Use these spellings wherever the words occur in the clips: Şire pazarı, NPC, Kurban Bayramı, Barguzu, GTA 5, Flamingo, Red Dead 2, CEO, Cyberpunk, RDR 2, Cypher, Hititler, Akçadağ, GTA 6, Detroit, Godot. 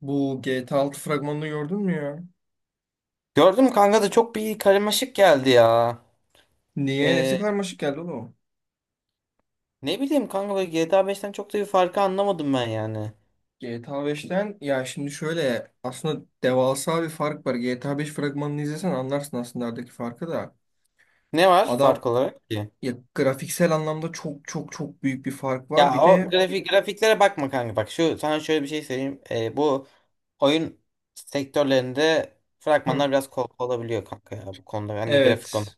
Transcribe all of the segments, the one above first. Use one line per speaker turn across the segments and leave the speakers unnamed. Bu GTA 6 fragmanını gördün mü ya?
Gördüm kanka da çok bir karmaşık geldi ya.
Niye? Nesi
Ee,
karmaşık geldi oğlum?
ne bileyim kanka böyle GTA 5'ten çok da bir farkı anlamadım ben yani.
GTA 5'ten ya şimdi şöyle aslında devasa bir fark var. GTA 5 fragmanını izlesen anlarsın aslında aradaki farkı da.
Ne var
Adam,
fark olarak ki?
ya grafiksel anlamda çok çok çok büyük bir fark
Ya
var. Bir
o
de.
grafiklere bakma kanka, bak şu, sana şöyle bir şey söyleyeyim. Bu oyun sektörlerinde
Hı.
fragmanlar biraz kol olabiliyor kanka, ya bu konuda, hani grafik
Evet.
konuda.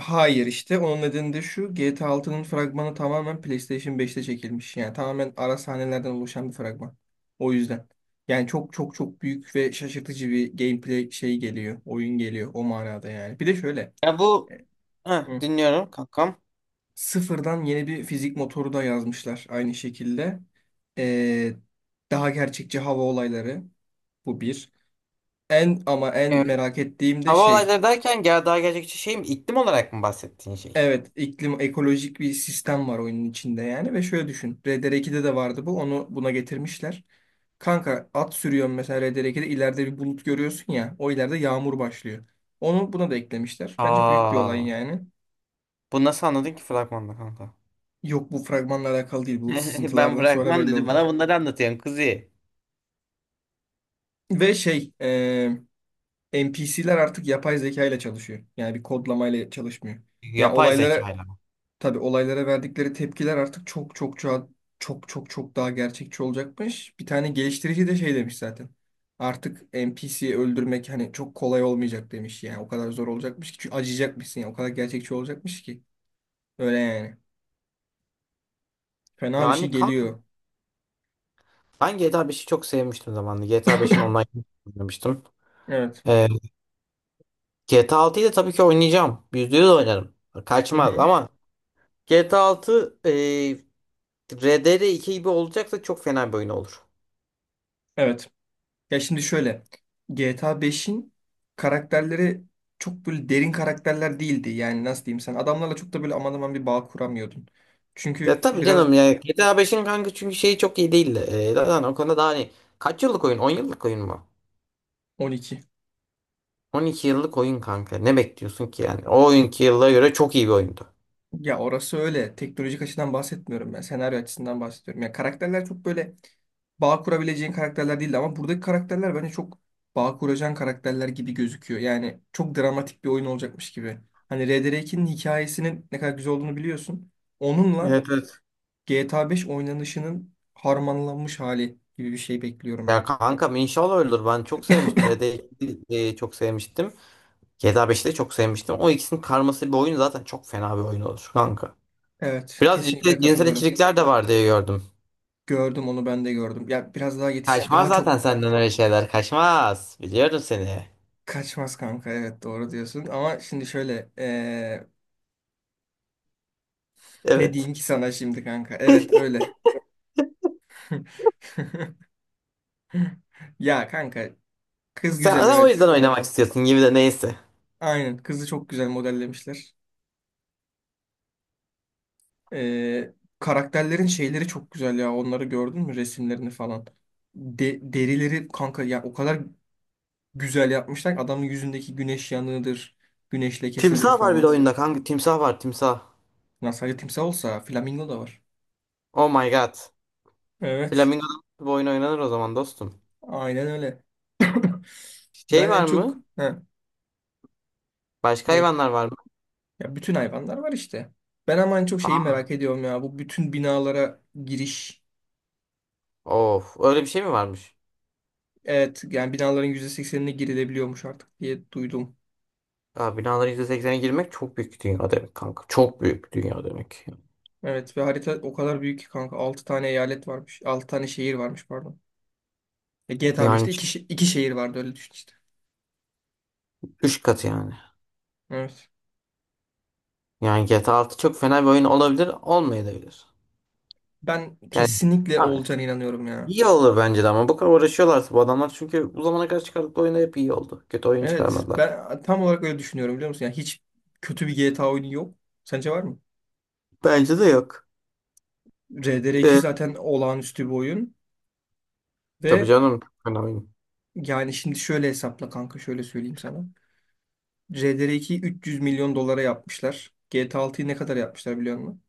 Hayır, işte onun nedeni de şu: GTA 6'nın fragmanı tamamen PlayStation 5'te çekilmiş. Yani tamamen ara sahnelerden oluşan bir fragman. O yüzden. Yani çok çok çok büyük ve şaşırtıcı bir gameplay şey geliyor. Oyun geliyor o manada yani. Bir de şöyle.
Ya bu
e,
Heh,
hı,
dinliyorum kankam.
Sıfırdan yeni bir fizik motoru da yazmışlar aynı şekilde. Ee, Daha gerçekçi hava olayları. Bu bir. En ama en
Evet.
merak ettiğim de
Hava
şey.
olayları derken gel, daha gerçekçi şey mi? İklim olarak mı bahsettiğin şey?
Evet, iklim ekolojik bir sistem var oyunun içinde yani, ve şöyle düşün: RDR 2'de de vardı bu. Onu buna getirmişler. Kanka at sürüyorsun mesela, RDR 2'de ileride bir bulut görüyorsun ya. O ileride yağmur başlıyor. Onu buna da eklemişler. Bence büyük bir olay
Aa,
yani.
bu nasıl anladın ki fragmanda kanka?
Yok, bu fragmanla alakalı değil. Bu
Ben
sızıntılardan sonra
bırakmam
belli
dedi. Bana
oldu.
bunları anlatıyorsun kuzi.
Ve şey NPC'ler artık yapay zeka ile çalışıyor. Yani bir kodlamayla çalışmıyor. Yani
Yapay
olaylara,
zekayla.
tabii olaylara verdikleri tepkiler artık çok çok çok çok çok çok daha gerçekçi olacakmış. Bir tane geliştirici de şey demiş zaten: artık NPC'yi öldürmek hani çok kolay olmayacak demiş yani. O kadar zor olacakmış ki, çünkü acıyacakmışsın ya. O kadar gerçekçi olacakmış ki. Öyle yani. Fena bir şey
Yani kanka,
geliyor.
ben GTA beşi çok sevmiştim zamanında. GTA beşin online oynamıştım.
Evet.
Ee, GTA 6'yı da tabii ki oynayacağım. Yüzde yüz oynarım.
Hı
Kaçmaz.
hı.
Ama GTA altı, RDR 2 gibi olacaksa çok fena bir oyun olur.
Evet. Ya şimdi şöyle. GTA 5'in karakterleri çok böyle derin karakterler değildi. Yani nasıl diyeyim, sen adamlarla çok da böyle aman aman bir bağ kuramıyordun. Çünkü
Ya tabii
biraz...
canım, ya GTA beşin kanka çünkü şeyi çok iyi değil. Zaten o konuda daha, hani kaç yıllık oyun? On yıllık oyun mu?
12.
12 yıllık oyun kanka. Ne bekliyorsun ki yani? O oyunki yıllara göre çok iyi bir oyundu.
Ya orası öyle. Teknolojik açıdan bahsetmiyorum ben. Senaryo açısından bahsediyorum. Ya karakterler çok böyle bağ kurabileceğin karakterler değildi, ama buradaki karakterler bence çok bağ kuracağın karakterler gibi gözüküyor. Yani çok dramatik bir oyun olacakmış gibi. Hani RDR 2'nin hikayesinin ne kadar güzel olduğunu biliyorsun. Onunla
Evet, evet.
GTA 5 oynanışının harmanlanmış hali gibi bir şey bekliyorum
Ya
ben.
kankam, inşallah öyledir. Ben çok sevmiştim. Red Dead 2'yi çok sevmiştim. GTA 5'i de çok sevmiştim. O ikisinin karması bir oyun zaten çok fena bir oyun olur kanka.
Evet,
Biraz
kesinlikle
cinsel
katılıyorum.
içerikler de var diye gördüm.
Gördüm, onu ben de gördüm. Ya biraz daha yetiş
Kaçmaz
daha
zaten
çok
senden öyle şeyler. Kaçmaz. Biliyorum seni.
kaçmaz kanka. Evet, doğru diyorsun. Ama şimdi şöyle. Ne
Evet.
diyeyim ki sana şimdi kanka? Evet öyle. Ya kanka
Sen,
kız güzel,
sen o
evet.
yüzden oynamak istiyorsun gibi, de neyse.
Aynen, kızı çok güzel modellemişler. Ee, Karakterlerin şeyleri çok güzel ya. Onları gördün mü, resimlerini falan? Derileri kanka ya o kadar güzel yapmışlar ki. Adamın yüzündeki güneş yanığıdır, güneş lekesidir
Timsah var bir de
falan.
oyunda kanka. Timsah var, timsah.
Ya sadece timsah olsa, flamingo da var.
Oh my god.
Evet.
Flamingo'da bu oyun oynanır o zaman dostum.
Aynen öyle.
Şey
Ben
var
en çok...
mı?
Ha,
Başka
ne?
hayvanlar var mı?
Ya bütün hayvanlar var işte. Ben ama en çok şeyi
Aa,
merak ediyorum ya: bu bütün binalara giriş.
of. Öyle bir şey mi varmış?
Evet, yani binaların %80'ine girilebiliyormuş artık diye duydum.
Ya binaların %80'ine girmek çok büyük dünya demek kanka. Çok büyük dünya demek.
Evet, ve harita o kadar büyük ki kanka. 6 tane eyalet varmış. 6 tane şehir varmış, pardon. E, GTA
Yani
5'te 2, iki şehir vardı, öyle düşün işte.
3 katı yani.
Evet.
Yani GTA altı çok fena bir oyun olabilir, olmayabilir.
Ben
Yani,
kesinlikle
yani
olacağına inanıyorum ya.
iyi olur bence de, ama bu kadar uğraşıyorlarsa bu adamlar, çünkü bu zamana kadar çıkardıkları oyunda hep iyi oldu. Kötü oyun
Evet,
çıkarmadılar.
ben tam olarak öyle düşünüyorum biliyor musun? Yani hiç kötü bir GTA oyunu yok. Sence var mı?
Bence de yok.
RDR 2
Ee,
zaten olağanüstü bir oyun.
tabii
Ve...
canım, çok fena oyun.
yani şimdi şöyle hesapla kanka, şöyle söyleyeyim sana: RDR 2'yi 300 milyon dolara yapmışlar. GTA 6'yı ne kadar yapmışlar biliyor musun?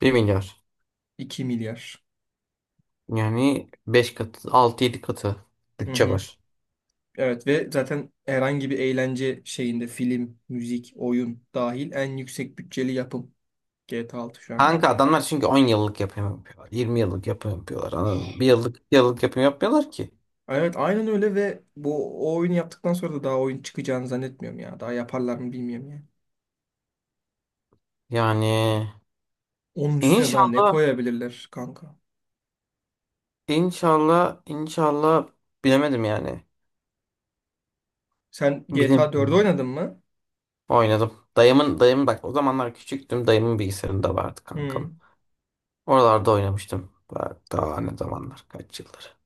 1 milyar.
2 milyar.
Yani 5 katı, altı yedi katı
Hı
bütçe
hı.
var.
Evet, ve zaten herhangi bir eğlence şeyinde, film, müzik, oyun dahil, en yüksek bütçeli yapım GTA 6 şu an.
Kanka adamlar çünkü 10 yıllık yapım yapıyorlar, 20 yıllık yapım yapıyorlar. Anladın mı? Bir yıllık yapım yapmıyorlar ki.
Evet, aynen öyle, ve bu o oyunu yaptıktan sonra da daha oyun çıkacağını zannetmiyorum ya. Daha yaparlar mı bilmiyorum ya.
Yani
Onun üstüne daha ne
inşallah
koyabilirler kanka?
inşallah, bilemedim yani.
Sen GTA 4'ü
Bilemiyorum.
oynadın mı?
Oynadım. Dayım bak, o zamanlar küçüktüm. Dayımın bilgisayarında vardı
Hı.
kankam. Oralarda oynamıştım. Bak daha ne zamanlar, kaç yıldır.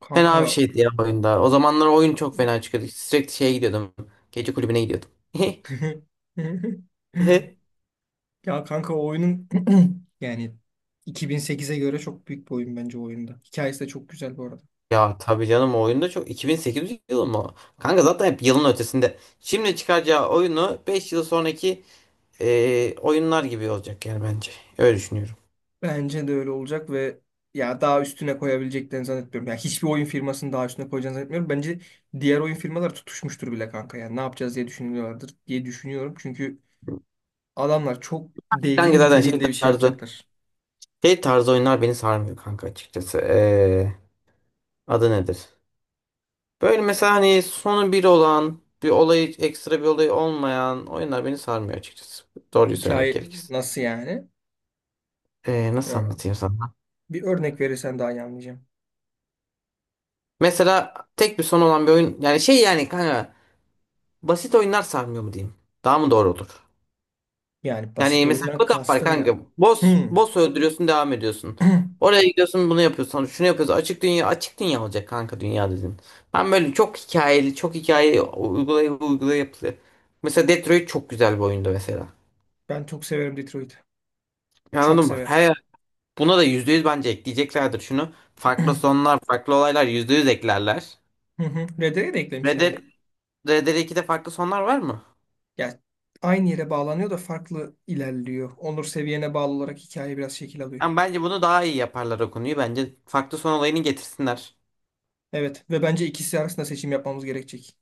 Kanka.
Fena bir şeydi ya oyunda. O zamanlar oyun çok fena çıkıyordu. Sürekli şeye gidiyordum. Gece kulübüne gidiyordum.
Ya kanka o oyunun... yani 2008'e göre çok büyük bir oyun bence o oyunda. Hikayesi de çok güzel bu arada.
Ya tabii canım, o oyunda çok, 2008 yılı mı? Kanka zaten hep yılın ötesinde. Şimdi çıkaracağı oyunu 5 yıl sonraki oyunlar gibi olacak yani, bence. Öyle düşünüyorum.
Bence de öyle olacak, ve ya daha üstüne koyabileceklerini zannetmiyorum. Ya hiçbir oyun firmasının daha üstüne koyacağını zannetmiyorum. Bence diğer oyun firmalar tutuşmuştur bile kanka. Yani ne yapacağız diye düşünüyorlardır diye düşünüyorum. Çünkü adamlar çok devrim
Kanka zaten şey
niteliğinde bir şey
tarzı
yapacaklar.
şey tarzı oyunlar beni sarmıyor kanka, açıkçası. E, adı nedir? Böyle mesela, hani sonu bir olan, bir olayı, ekstra bir olayı olmayan oyunlar beni sarmıyor açıkçası. Doğruyu söylemek
Hikaye
gerekirse.
nasıl yani?
E, nasıl
Ö-
anlatayım sana?
Bir örnek verirsen daha iyi anlayacağım.
Mesela tek bir son olan bir oyun yani, şey yani kanka, basit oyunlar sarmıyor mu diyeyim? Daha mı doğru olur?
Yani basit
Yani mesela
oyundan
Godot var
kastın ne
kanka.
ama?
Boss,
Hmm.
boss öldürüyorsun, devam ediyorsun. Oraya gidiyorsun, bunu yapıyorsun, şunu yapıyorsun. Açık dünya olacak kanka, dünya dedin. Ben böyle çok hikayeli, çok hikaye uygulaya uygulaya yapılıyor. Mesela Detroit çok güzel bir oyundu mesela.
Ben çok severim Detroit'i. Çok
Anladın mı?
severim.
Buna da %100 bence ekleyeceklerdir şunu.
Hı
Farklı sonlar, farklı olaylar %100 eklerler.
hı. Red Dead'e de
Red
eklemişlerdi.
Dead, Red Dead 2'de farklı sonlar var mı?
Ya aynı yere bağlanıyor da farklı ilerliyor. Onur seviyene bağlı olarak hikaye biraz şekil alıyor.
Yani bence bunu daha iyi yaparlar o konuyu. Bence farklı son olayını getirsinler.
Evet, ve bence ikisi arasında seçim yapmamız gerekecek.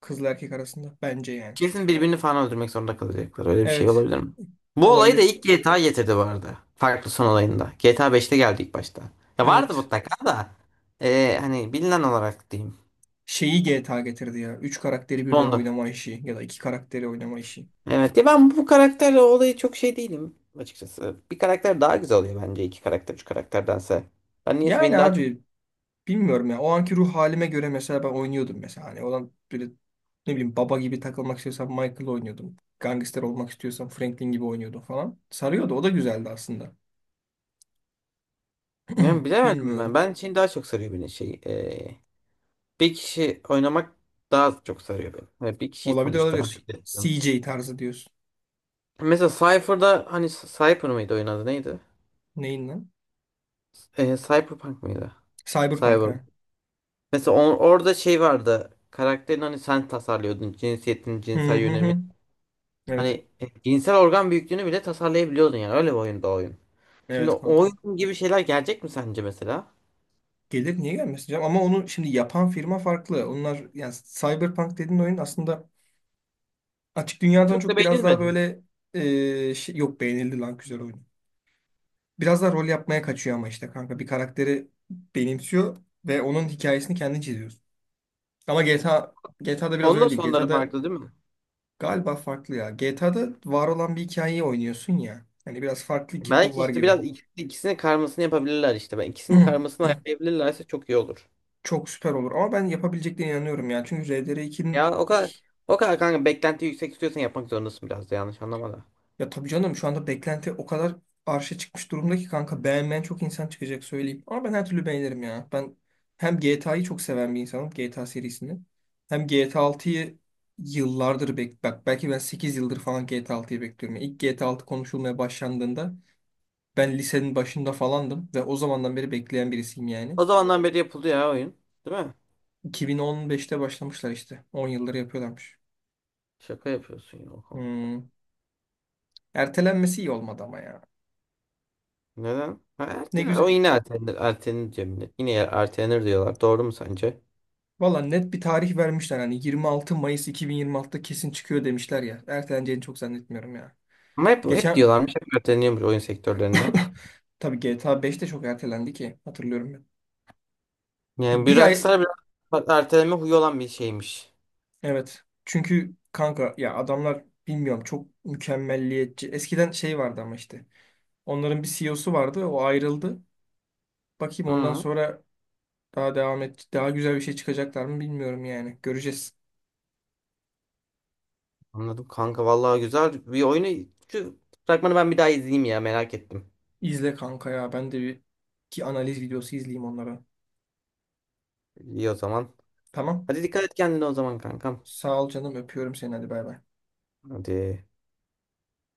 Kızla erkek arasında. Bence yani.
Kesin birbirini falan öldürmek zorunda kalacaklar. Öyle bir şey
Evet.
olabilir mi? Bu olayı da
Olabilir.
ilk GTA getirdi bu arada. Farklı son olayında. GTA beşte geldi ilk başta. Ya vardı
Evet.
mutlaka da. Hani bilinen olarak diyeyim.
Şeyi GTA getirdi ya: üç karakteri birden
Sondu.
oynama işi ya da iki karakteri oynama işi.
Evet ya, ben bu karakterle olayı çok şey değilim açıkçası. Bir karakter daha güzel oluyor bence, iki karakter üç karakterdense. Ben niyeyse
Yani
beni daha çok...
abi, bilmiyorum ya. O anki ruh halime göre mesela ben oynuyordum mesela. Hani olan böyle, ne bileyim, baba gibi takılmak istiyorsam Michael oynuyordum. Gangster olmak istiyorsam Franklin gibi oynuyordum falan. Sarıyordu. O da güzeldi aslında.
Yani bilemedim ben.
Bilmiyorum.
Ben için daha çok sarıyor beni, şey. Bir kişi oynamak daha çok sarıyor beni. Yani bir kişiyi
Olabilir
sonuçta.
olabilir. CJ tarzı diyorsun.
Mesela Cypher'da, hani Cypher mıydı oyun adı, neydi?
Neyin lan?
E, Cyberpunk mıydı?
Cyberpunk,
Cyber.
ha.
Mesela on- orada şey vardı. Karakterin, hani sen tasarlıyordun. Cinsiyetini,
Hı
cinsel
hı
yönelimi.
hı. Evet.
Hani cinsel organ büyüklüğünü bile tasarlayabiliyordun yani. Öyle bir oyunda oyun. Şimdi
Evet
o
kanka.
oyun gibi şeyler gelecek mi sence mesela?
Gelir, niye gelmesin canım? Ama onu şimdi yapan firma farklı. Onlar yani Cyberpunk dediğin oyun aslında açık dünyadan
Çok da
çok biraz daha
beğenilmedi.
böyle, şey, yok, beğenildi lan, güzel oyun. Biraz da rol yapmaya kaçıyor ama işte kanka, bir karakteri benimsiyor ve onun hikayesini kendi çiziyorsun. Ama GTA'da biraz
Onun da
öyle değil.
sonları
GTA'da
farklı değil mi?
galiba farklı ya. GTA'da var olan bir hikayeyi oynuyorsun ya. Hani biraz farklı iki kul
Belki
var
işte
gibi.
biraz ikisinin karmasını yapabilirler işte. Ben ikisinin karmasını ayarlayabilirlerse çok iyi olur.
Çok süper olur, ama ben yapabileceklerine inanıyorum ya. Çünkü
Ya
RDR 2'nin...
o kadar kanka beklenti yüksek, istiyorsan yapmak zorundasın, biraz da yanlış anlama da.
Ya tabii canım şu anda beklenti o kadar arşa çıkmış durumda ki kanka, beğenmeyen çok insan çıkacak söyleyeyim. Ama ben her türlü beğenirim ya. Ben hem GTA'yı çok seven bir insanım, GTA serisini. Hem GTA 6'yı yıllardır bek bak belki ben 8 yıldır falan GTA 6'yı bekliyorum. Yani İlk GTA 6 konuşulmaya başlandığında ben lisenin başında falandım ve o zamandan beri bekleyen birisiyim yani.
O zamandan beri yapıldı ya oyun. Değil mi?
2015'te başlamışlar işte. 10 yıldır yapıyorlarmış.
Şaka yapıyorsun ya. Oha.
Hmm. Ertelenmesi iyi olmadı ama ya.
Neden? Ha,
Ne
ertelenir. O
güzel.
yine ertelenir. Ertelenir Cemile. Yine yer- ertelenir diyorlar. Doğru mu sence?
Valla net bir tarih vermişler. Hani 26 Mayıs 2026'da kesin çıkıyor demişler ya. Erteleneceğini çok zannetmiyorum ya.
Ama hep
Geçen
diyorlarmış. Hep erteleniyormuş oyun sektörlerinde.
tabii GTA 5 de çok ertelendi ki, hatırlıyorum ben. Bir,
Yani bir
bir ay
rockstar biraz, bak, erteleme huyu olan bir şeymiş.
evet. Çünkü kanka ya adamlar bilmiyorum çok mükemmelliyetçi. Eskiden şey vardı ama işte. Onların bir CEO'su vardı. O ayrıldı. Bakayım ondan
Hı,
sonra daha devam et daha güzel bir şey çıkacaklar mı bilmiyorum yani. Göreceğiz.
anladım kanka. Vallahi güzel bir oyunu. Şu fragmanı ben bir daha izleyeyim ya. Merak ettim.
İzle kanka ya. Ben de bir ki analiz videosu izleyeyim onlara.
İyi o zaman.
Tamam.
Hadi dikkat et kendine o zaman kankam.
Sağ ol canım, öpüyorum seni, hadi bay bay.
Hadi.